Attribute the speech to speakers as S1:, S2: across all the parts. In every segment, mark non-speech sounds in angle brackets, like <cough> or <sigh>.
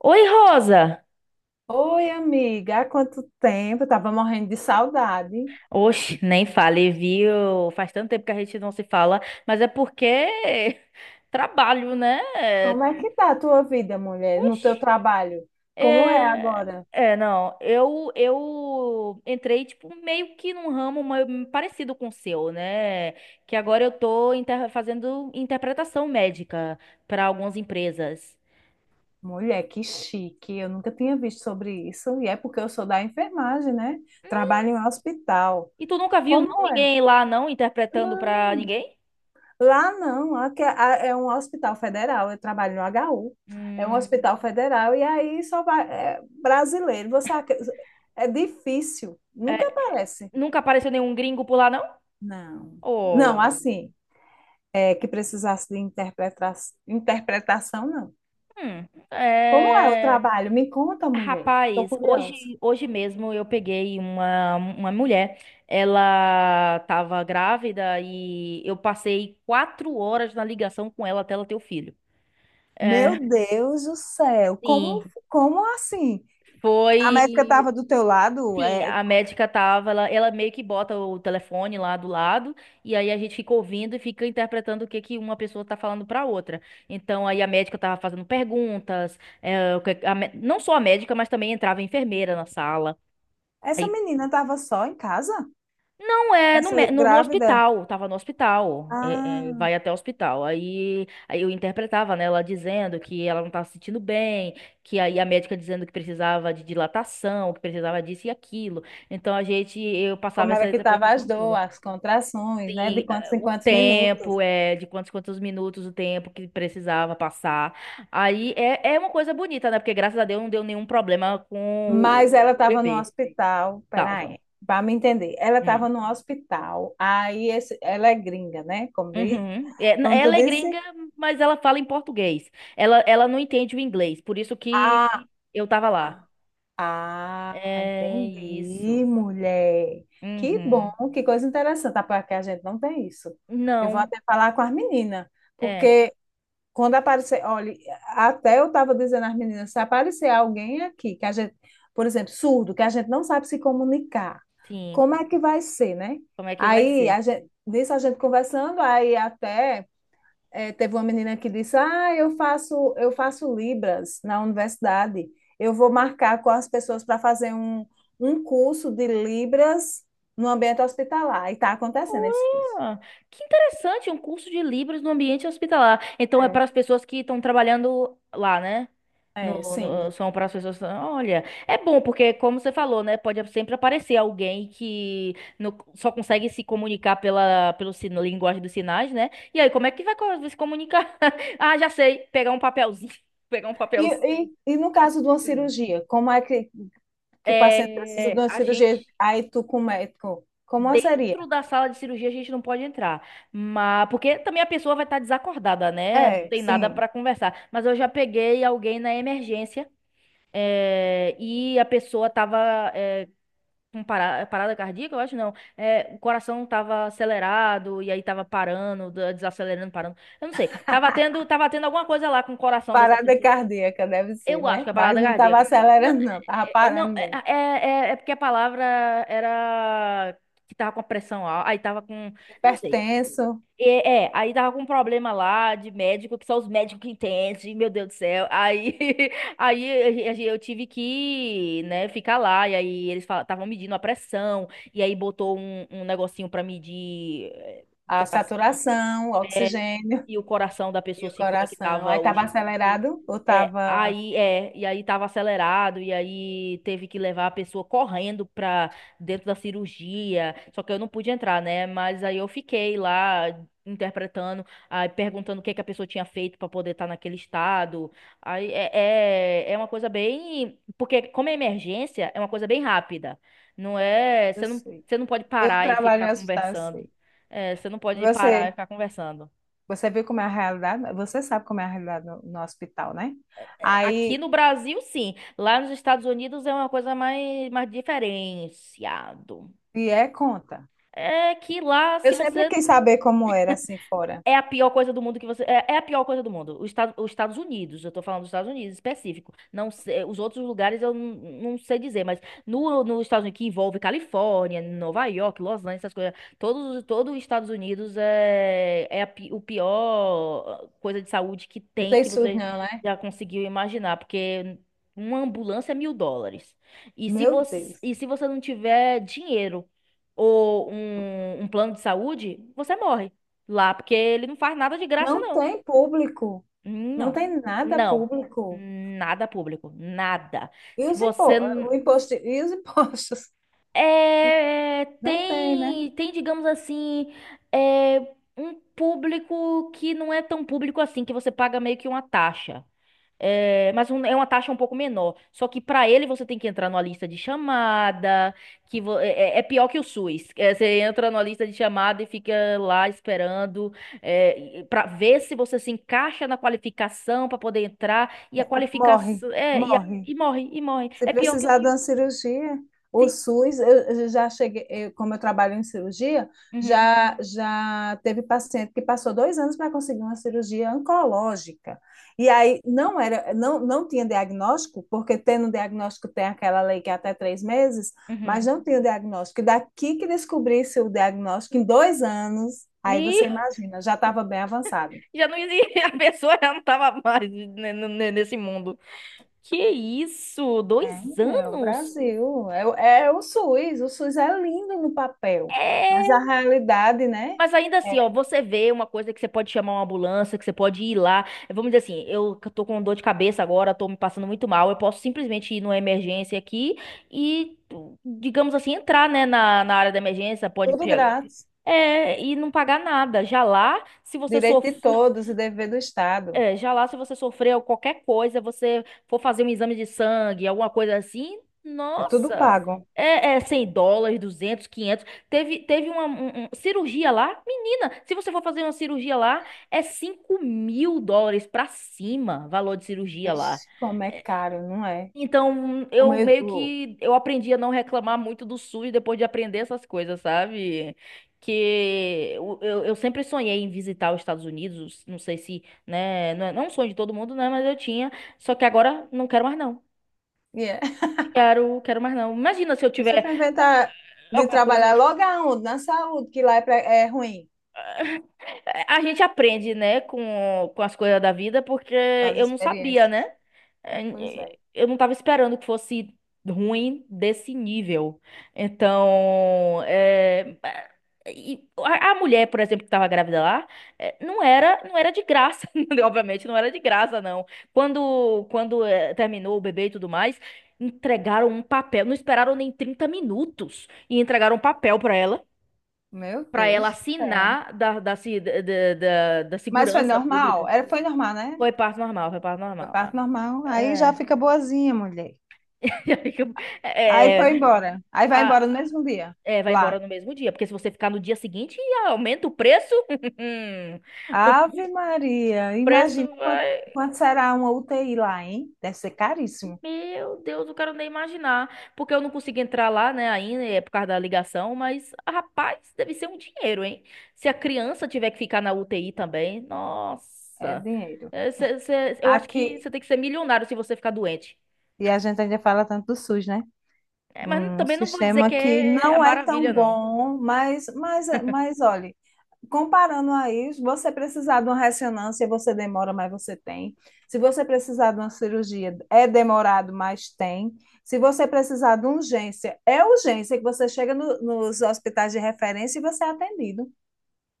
S1: Oi, Rosa!
S2: Oi, amiga, há quanto tempo? Eu tava morrendo de saudade.
S1: Oxe, nem fale, viu? Faz tanto tempo que a gente não se fala, mas é porque <laughs> trabalho, né?
S2: Como é que tá a tua vida, mulher, no teu
S1: Oxe,
S2: trabalho? Como é
S1: é...
S2: agora?
S1: É, não, eu entrei, tipo, meio que num ramo meio parecido com o seu, né? Que agora eu tô fazendo interpretação médica para algumas empresas.
S2: Mulher, que chique. Eu nunca tinha visto sobre isso. E é porque eu sou da enfermagem, né? Trabalho em um hospital.
S1: E tu nunca viu, não,
S2: Como é?
S1: ninguém lá, não, interpretando pra
S2: Não,
S1: ninguém?
S2: lá não. Lá que é um hospital federal. Eu trabalho no HU. É um
S1: Hum,
S2: hospital federal. E aí só vai. É brasileiro. É difícil. Nunca
S1: é,
S2: aparece.
S1: nunca apareceu nenhum gringo por lá, não?
S2: Não. Não,
S1: Oh,
S2: assim. É, que precisasse de interpretação, não.
S1: hum,
S2: Como é o
S1: é...
S2: trabalho? Me conta, mulher. Estou
S1: Rapaz, hoje,
S2: curiosa.
S1: hoje mesmo eu peguei uma mulher, ela estava grávida e eu passei 4 horas na ligação com ela até ela ter o filho.
S2: Meu
S1: É,
S2: Deus do céu, como,
S1: sim,
S2: como assim? A médica estava
S1: foi.
S2: do teu lado?
S1: Sim,
S2: É,
S1: a médica tava, ela meio que bota o telefone lá do lado, e aí a gente fica ouvindo e fica interpretando o que que uma pessoa tá falando pra outra. Então aí a médica tava fazendo perguntas, eh, o que- a mé- não só a médica, mas também entrava a enfermeira na sala.
S2: essa
S1: Aí
S2: menina estava só em casa?
S1: não é no,
S2: Essa
S1: mé- no, no
S2: grávida?
S1: hospital, tava no hospital,
S2: Ah,
S1: vai até o hospital. Aí, eu interpretava, né, ela dizendo que ela não estava se sentindo bem, que aí a médica dizendo que precisava de dilatação, que precisava disso e aquilo. Então eu passava
S2: como era
S1: essa
S2: que estava as
S1: interpretação toda.
S2: dores, as contrações, né? De
S1: Sim,
S2: quantos em
S1: o
S2: quantos minutos.
S1: tempo, de quantos minutos o tempo que precisava passar. Aí é uma coisa bonita, né? Porque graças a Deus não deu nenhum problema com
S2: Mas
S1: o
S2: ela
S1: o
S2: estava no
S1: bebê.
S2: hospital.
S1: Tava.
S2: Peraí, para me entender. Ela
S1: Hum.
S2: estava no hospital. Ela é gringa, né? Como diz.
S1: Uhum. É,
S2: Como tu
S1: ela é
S2: disse?
S1: gringa, mas ela fala em português. Ela não entende o inglês, por isso que
S2: Ah,
S1: eu tava lá.
S2: ah,
S1: É
S2: entendi,
S1: isso.
S2: mulher. Que bom,
S1: Uhum.
S2: que coisa interessante. Ah, porque a gente não tem isso. Eu vou
S1: Não,
S2: até falar com as meninas,
S1: é,
S2: porque quando aparecer, olha, até eu estava dizendo às meninas, se aparecer alguém aqui que a gente, por exemplo, surdo, que a gente não sabe se comunicar,
S1: sim.
S2: como é que vai ser, né?
S1: Como é que vai
S2: Aí a
S1: ser?
S2: gente, nisso a gente conversando, aí até é, teve uma menina que disse: Ah, eu faço Libras na universidade. Eu vou marcar com as pessoas para fazer um curso de Libras no ambiente hospitalar. E está acontecendo esse curso.
S1: Olha, que interessante, um curso de Libras no ambiente hospitalar. Então é
S2: É.
S1: para as pessoas que estão trabalhando lá, né?
S2: É,
S1: No,
S2: sim.
S1: no- são para as pessoas. Olha, é bom porque, como você falou, né? Pode sempre aparecer alguém que não- só consegue se comunicar pela pelo sino, linguagem dos sinais, né? E aí, como é que vai se comunicar? <laughs> Ah, já sei. Pegar um papelzinho. <laughs> Pegar um
S2: E,
S1: papelzinho.
S2: e no caso de uma cirurgia, como é que o paciente precisa de
S1: É,
S2: uma
S1: a
S2: cirurgia?
S1: gente.
S2: Aí tu com o médico, como seria?
S1: Dentro da sala de cirurgia a gente não pode entrar, mas porque também a pessoa vai estar desacordada, né? Não
S2: É,
S1: tem nada
S2: sim.
S1: para conversar. Mas eu já peguei alguém na emergência e a pessoa tava com parada cardíaca, eu acho não. O coração tava acelerado e aí tava parando, desacelerando, parando. Eu não sei. Tava tendo alguma coisa lá com o coração dessa
S2: Parada
S1: pessoa.
S2: cardíaca deve ser,
S1: Eu acho
S2: né?
S1: que é
S2: Mas
S1: parada
S2: não estava
S1: cardíaca.
S2: acelerando, não, estava
S1: É, não,
S2: parando mesmo.
S1: porque a palavra era que tava com a pressão alta, aí tava com, eu não sei.
S2: Hipertenso.
S1: Aí tava com um problema lá de médico, que só os médicos que entendem, meu Deus do céu. Aí, <laughs> eu tive que, né, ficar lá, e aí eles estavam medindo a pressão, e aí botou um negocinho pra medir
S2: A
S1: o coração
S2: saturação, o
S1: é,
S2: oxigênio
S1: e o coração da
S2: e
S1: pessoa
S2: o
S1: se
S2: coração. Aí
S1: conectava os
S2: estava
S1: níveis.
S2: acelerado ou
S1: É,
S2: estava.
S1: aí e aí tava acelerado, e aí teve que levar a pessoa correndo pra dentro da cirurgia. Só que eu não pude entrar, né? Mas aí eu fiquei lá interpretando, aí perguntando o que que a pessoa tinha feito pra poder estar naquele estado. Aí é uma coisa bem, porque como é emergência, é uma coisa bem rápida. Não é,
S2: Eu sei.
S1: você não pode
S2: Eu
S1: parar e
S2: trabalho
S1: ficar
S2: em hospital, eu
S1: conversando.
S2: sei.
S1: É, você não pode parar e
S2: Você,
S1: ficar conversando.
S2: você viu como é a realidade? Você sabe como é a realidade no hospital, né?
S1: É, aqui
S2: Aí,
S1: no Brasil, sim. Lá nos Estados Unidos é uma coisa mais diferenciado.
S2: e é conta.
S1: É que lá,
S2: Eu
S1: se
S2: sempre
S1: você
S2: quis saber como era assim fora.
S1: é a pior coisa do mundo que você. É, é a pior coisa do mundo. Os Estados Unidos, eu tô falando dos Estados Unidos específico. Não sei- os outros lugares eu não, não sei dizer, mas no, nos Estados Unidos, que envolve Califórnia, Nova York, Los Angeles, essas coisas. Todo os Estados Unidos é o pior coisa de saúde que
S2: Não
S1: tem,
S2: tem
S1: que
S2: SUS,
S1: você
S2: não, né?
S1: já conseguiu imaginar, porque uma ambulância é US$ 1.000. E se
S2: Meu
S1: você,
S2: Deus.
S1: e se você não tiver dinheiro ou um plano de saúde, você morre. Lá, porque ele não faz nada de graça,
S2: Não
S1: não.
S2: tem público. Não
S1: Não.
S2: tem nada
S1: Não.
S2: público.
S1: Nada público. Nada.
S2: E
S1: Se
S2: os impo...
S1: você.
S2: o
S1: n-
S2: imposto... E os <laughs> impostos?
S1: É,
S2: Não tem, né?
S1: tem, digamos assim, é, um público que não é tão público assim, que você paga meio que uma taxa. É, mas é uma taxa um pouco menor. Só que para ele você tem que entrar numa lista de chamada, que vo- é, é- é pior que o SUS. É, você entra numa lista de chamada e fica lá esperando para ver se você se encaixa na qualificação para poder entrar e a
S2: Morre,
S1: qualificação
S2: morre.
S1: e morre e morre.
S2: Se
S1: É pior que o
S2: precisar de
S1: SUS.
S2: uma cirurgia, o
S1: Sim.
S2: SUS, eu já cheguei, como eu trabalho em cirurgia,
S1: Uhum.
S2: já teve paciente que passou 2 anos para conseguir uma cirurgia oncológica. E aí não era, não, não tinha diagnóstico, porque tendo diagnóstico tem aquela lei que é até 3 meses, mas
S1: Uhum.
S2: não tinha diagnóstico. E daqui que descobrisse o diagnóstico em 2 anos, aí
S1: Me...
S2: você imagina, já estava bem avançado.
S1: Já não existia, <laughs> a pessoa já não estava mais nesse mundo. Que isso? Dois
S2: É o
S1: anos?
S2: Brasil, é o SUS é lindo no papel, mas
S1: É!
S2: a realidade, né?
S1: Mas ainda assim, ó,
S2: É
S1: você vê uma coisa que você pode chamar uma ambulância, que você pode ir lá. É, vamos dizer assim, tô com dor de cabeça agora, tô me passando muito mal. Eu posso simplesmente ir numa emergência aqui e, digamos assim, entrar, né, na área da emergência, pode
S2: tudo
S1: pegar.
S2: grátis,
S1: É, e não pagar nada. Já lá, se você
S2: direito de
S1: sofrer
S2: todos e dever do Estado,
S1: é, já lá se você sofreu qualquer coisa, você for fazer um exame de sangue, alguma coisa assim,
S2: é tudo
S1: nossa,
S2: pago.
S1: 100 dólares, 200 quinhentos. Teve cirurgia lá, menina, se você for fazer uma cirurgia lá, é US$ 5.000 pra cima, valor de cirurgia lá.
S2: Vixe, como é caro, não é?
S1: Então,
S2: O
S1: eu
S2: meio,
S1: meio
S2: o,
S1: que eu aprendi a não reclamar muito do SUS depois de aprender essas coisas, sabe? Que eu sempre sonhei em visitar os Estados Unidos, não sei se, né, não é um sonho de todo mundo, né, mas eu tinha, só que agora não quero mais não.
S2: e é.
S1: Quero mais não. Imagina se eu tiver
S2: Você vai
S1: ah,
S2: inventar de
S1: alguma coisa.
S2: trabalhar logo aonde? Na saúde, que lá é, é ruim,
S1: A gente aprende, né, com as coisas da vida, porque
S2: as
S1: eu não sabia,
S2: experiências.
S1: né?
S2: Pois
S1: Eh,
S2: é,
S1: Eu não tava esperando que fosse ruim desse nível. Então, e a mulher, por exemplo, que tava grávida lá, não era de graça, <laughs> obviamente, não era de graça, não. Quando terminou o bebê e tudo mais, entregaram um papel, não esperaram nem 30 minutos e entregaram um papel para ela
S2: meu
S1: para ela
S2: Deus do céu.
S1: assinar da, da, se- da, da, da- da
S2: Mas foi
S1: segurança pública.
S2: normal? Era, foi normal, né?
S1: Foi parto normal, foi parto
S2: Foi
S1: normal. Ah,
S2: parte normal. Aí já
S1: é.
S2: fica boazinha, mulher.
S1: <laughs>
S2: Aí foi
S1: É,
S2: embora. Aí vai embora no
S1: Ah,
S2: mesmo dia,
S1: vai
S2: lá.
S1: embora
S2: É.
S1: no mesmo dia, porque se você ficar no dia seguinte, aumenta o preço. <laughs> O
S2: Ave Maria,
S1: preço
S2: imagina quanto,
S1: vai.
S2: quanto será uma UTI lá, hein? Deve ser caríssimo.
S1: Meu Deus, eu quero nem imaginar. Porque eu não consigo entrar lá, né, ainda, é por causa da ligação, mas, rapaz, deve ser um dinheiro, hein? Se a criança tiver que ficar na UTI também,
S2: É
S1: nossa.
S2: dinheiro.
S1: É, eu acho que
S2: Aqui,
S1: você tem que ser milionário se você ficar doente.
S2: e a gente ainda fala tanto do SUS, né?
S1: É, mas
S2: Um
S1: também não vou dizer
S2: sistema
S1: que
S2: que
S1: é a
S2: não é tão
S1: maravilha, não.
S2: bom, mas, mas olha, comparando a isso, você precisar de uma ressonância, você demora, mas você tem. Se você precisar de uma cirurgia, é demorado, mas tem. Se você precisar de urgência, é urgência que você chega nos hospitais de referência e você é atendido.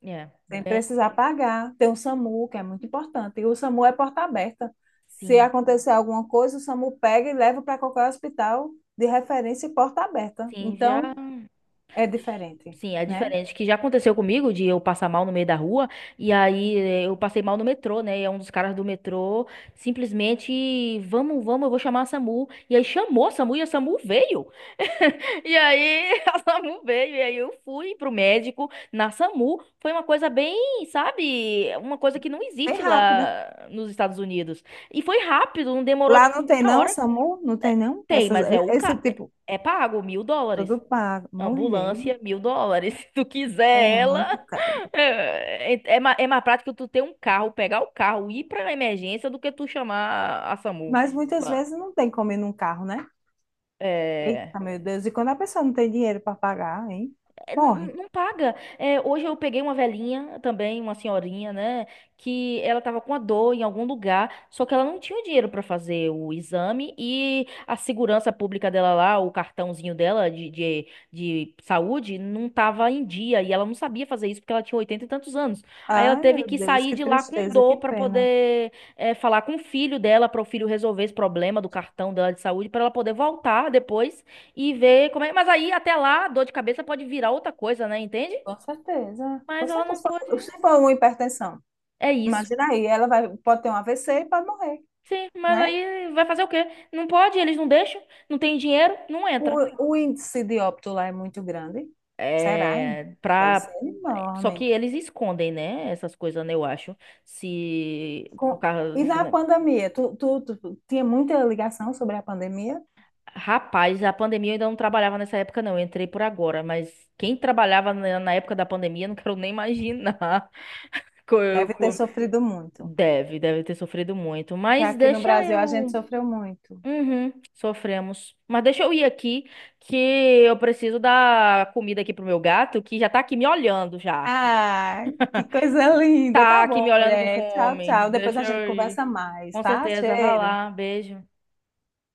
S1: É,
S2: Tem
S1: bem,
S2: precisar pagar. Tem o SAMU, que é muito importante. E o SAMU é porta aberta. Se
S1: sim.
S2: acontecer alguma coisa, o SAMU pega e leva para qualquer hospital de referência e porta aberta.
S1: Sim,
S2: Então,
S1: já.
S2: é diferente,
S1: Sim, é
S2: né?
S1: diferente. Que já aconteceu comigo de eu passar mal no meio da rua, e aí eu passei mal no metrô, né? E é um dos caras do metrô simplesmente, vamos, vamos, eu vou chamar a SAMU. E aí chamou a SAMU e a SAMU veio. <laughs> E aí <laughs> a SAMU veio, e aí eu fui pro médico na SAMU. Foi uma coisa bem, sabe, uma coisa que não
S2: Bem
S1: existe
S2: rápido.
S1: lá nos Estados Unidos. E foi rápido, não demorou
S2: Lá
S1: tipo
S2: não tem
S1: meia
S2: não,
S1: hora.
S2: SAMU? Não tem não?
S1: Tem,
S2: Essas,
S1: mas
S2: e- esse tipo,
S1: é pago, US$ 1.000.
S2: Tudo pago. Mulher,
S1: Ambulância, US$ 1.000. <laughs> Se tu
S2: é
S1: quiser ela,
S2: muito caro.
S1: <laughs> é mais prático tu ter um carro, pegar o carro, ir pra emergência do que tu chamar a SAMU
S2: Mas muitas
S1: lá.
S2: vezes não tem como ir num carro, né?
S1: É.
S2: Eita, meu Deus. E quando a pessoa não tem dinheiro para pagar, hein?
S1: É,
S2: Morre.
S1: não paga. É, hoje eu peguei uma velhinha também, uma senhorinha, né? Que ela tava com a dor em algum lugar, só que ela não tinha o dinheiro pra fazer o exame e a segurança pública dela lá, o cartãozinho dela de saúde, não tava em dia e ela não sabia fazer isso porque ela tinha 80 e tantos anos. Aí ela
S2: Ai,
S1: teve
S2: meu
S1: que
S2: Deus,
S1: sair
S2: que
S1: de lá com
S2: tristeza,
S1: dor
S2: que
S1: pra
S2: pena.
S1: poder falar com o filho dela, para o filho resolver esse problema do cartão dela de saúde, pra ela poder voltar depois e ver como é. Mas aí, até lá, dor de cabeça pode virar outra coisa, né? Entende?
S2: Com certeza.
S1: Mas
S2: Com
S1: ela
S2: certeza.
S1: não
S2: Se
S1: pode.
S2: for se for uma hipertensão,
S1: É isso.
S2: imagina aí, ela vai, pode ter um AVC e pode morrer,
S1: Sim, mas
S2: né?
S1: aí vai fazer o quê? Não pode, eles não deixam, não tem dinheiro, não entra.
S2: O índice de óbito lá é muito grande. Será, hein?
S1: É,
S2: Deve ser
S1: pra... Só que
S2: enorme.
S1: eles escondem, né? Essas coisas, né? Eu acho. Se o
S2: Com-
S1: carro.
S2: E
S1: Se
S2: na
S1: não-
S2: pandemia, tu tinha muita ligação sobre a pandemia?
S1: Rapaz, a pandemia eu ainda não trabalhava nessa época, não. Eu entrei por agora, mas quem trabalhava na época da pandemia, não quero nem imaginar. <laughs> Co- eu-
S2: Deve ter
S1: co-
S2: sofrido muito.
S1: Deve ter sofrido muito.
S2: Porque
S1: Mas
S2: aqui no
S1: deixa
S2: Brasil a gente
S1: eu.
S2: sofreu muito.
S1: Uhum, sofremos. Mas deixa eu ir aqui, que eu preciso dar comida aqui pro meu gato, que já tá aqui me olhando já.
S2: Ah, que coisa linda.
S1: Tá
S2: Tá
S1: aqui me
S2: bom,
S1: olhando com
S2: mulher. Tchau,
S1: fome.
S2: tchau. Depois
S1: Deixa
S2: a gente
S1: eu ir.
S2: conversa mais,
S1: Com
S2: tá?
S1: certeza, vai
S2: Cheiro.
S1: lá. Beijo.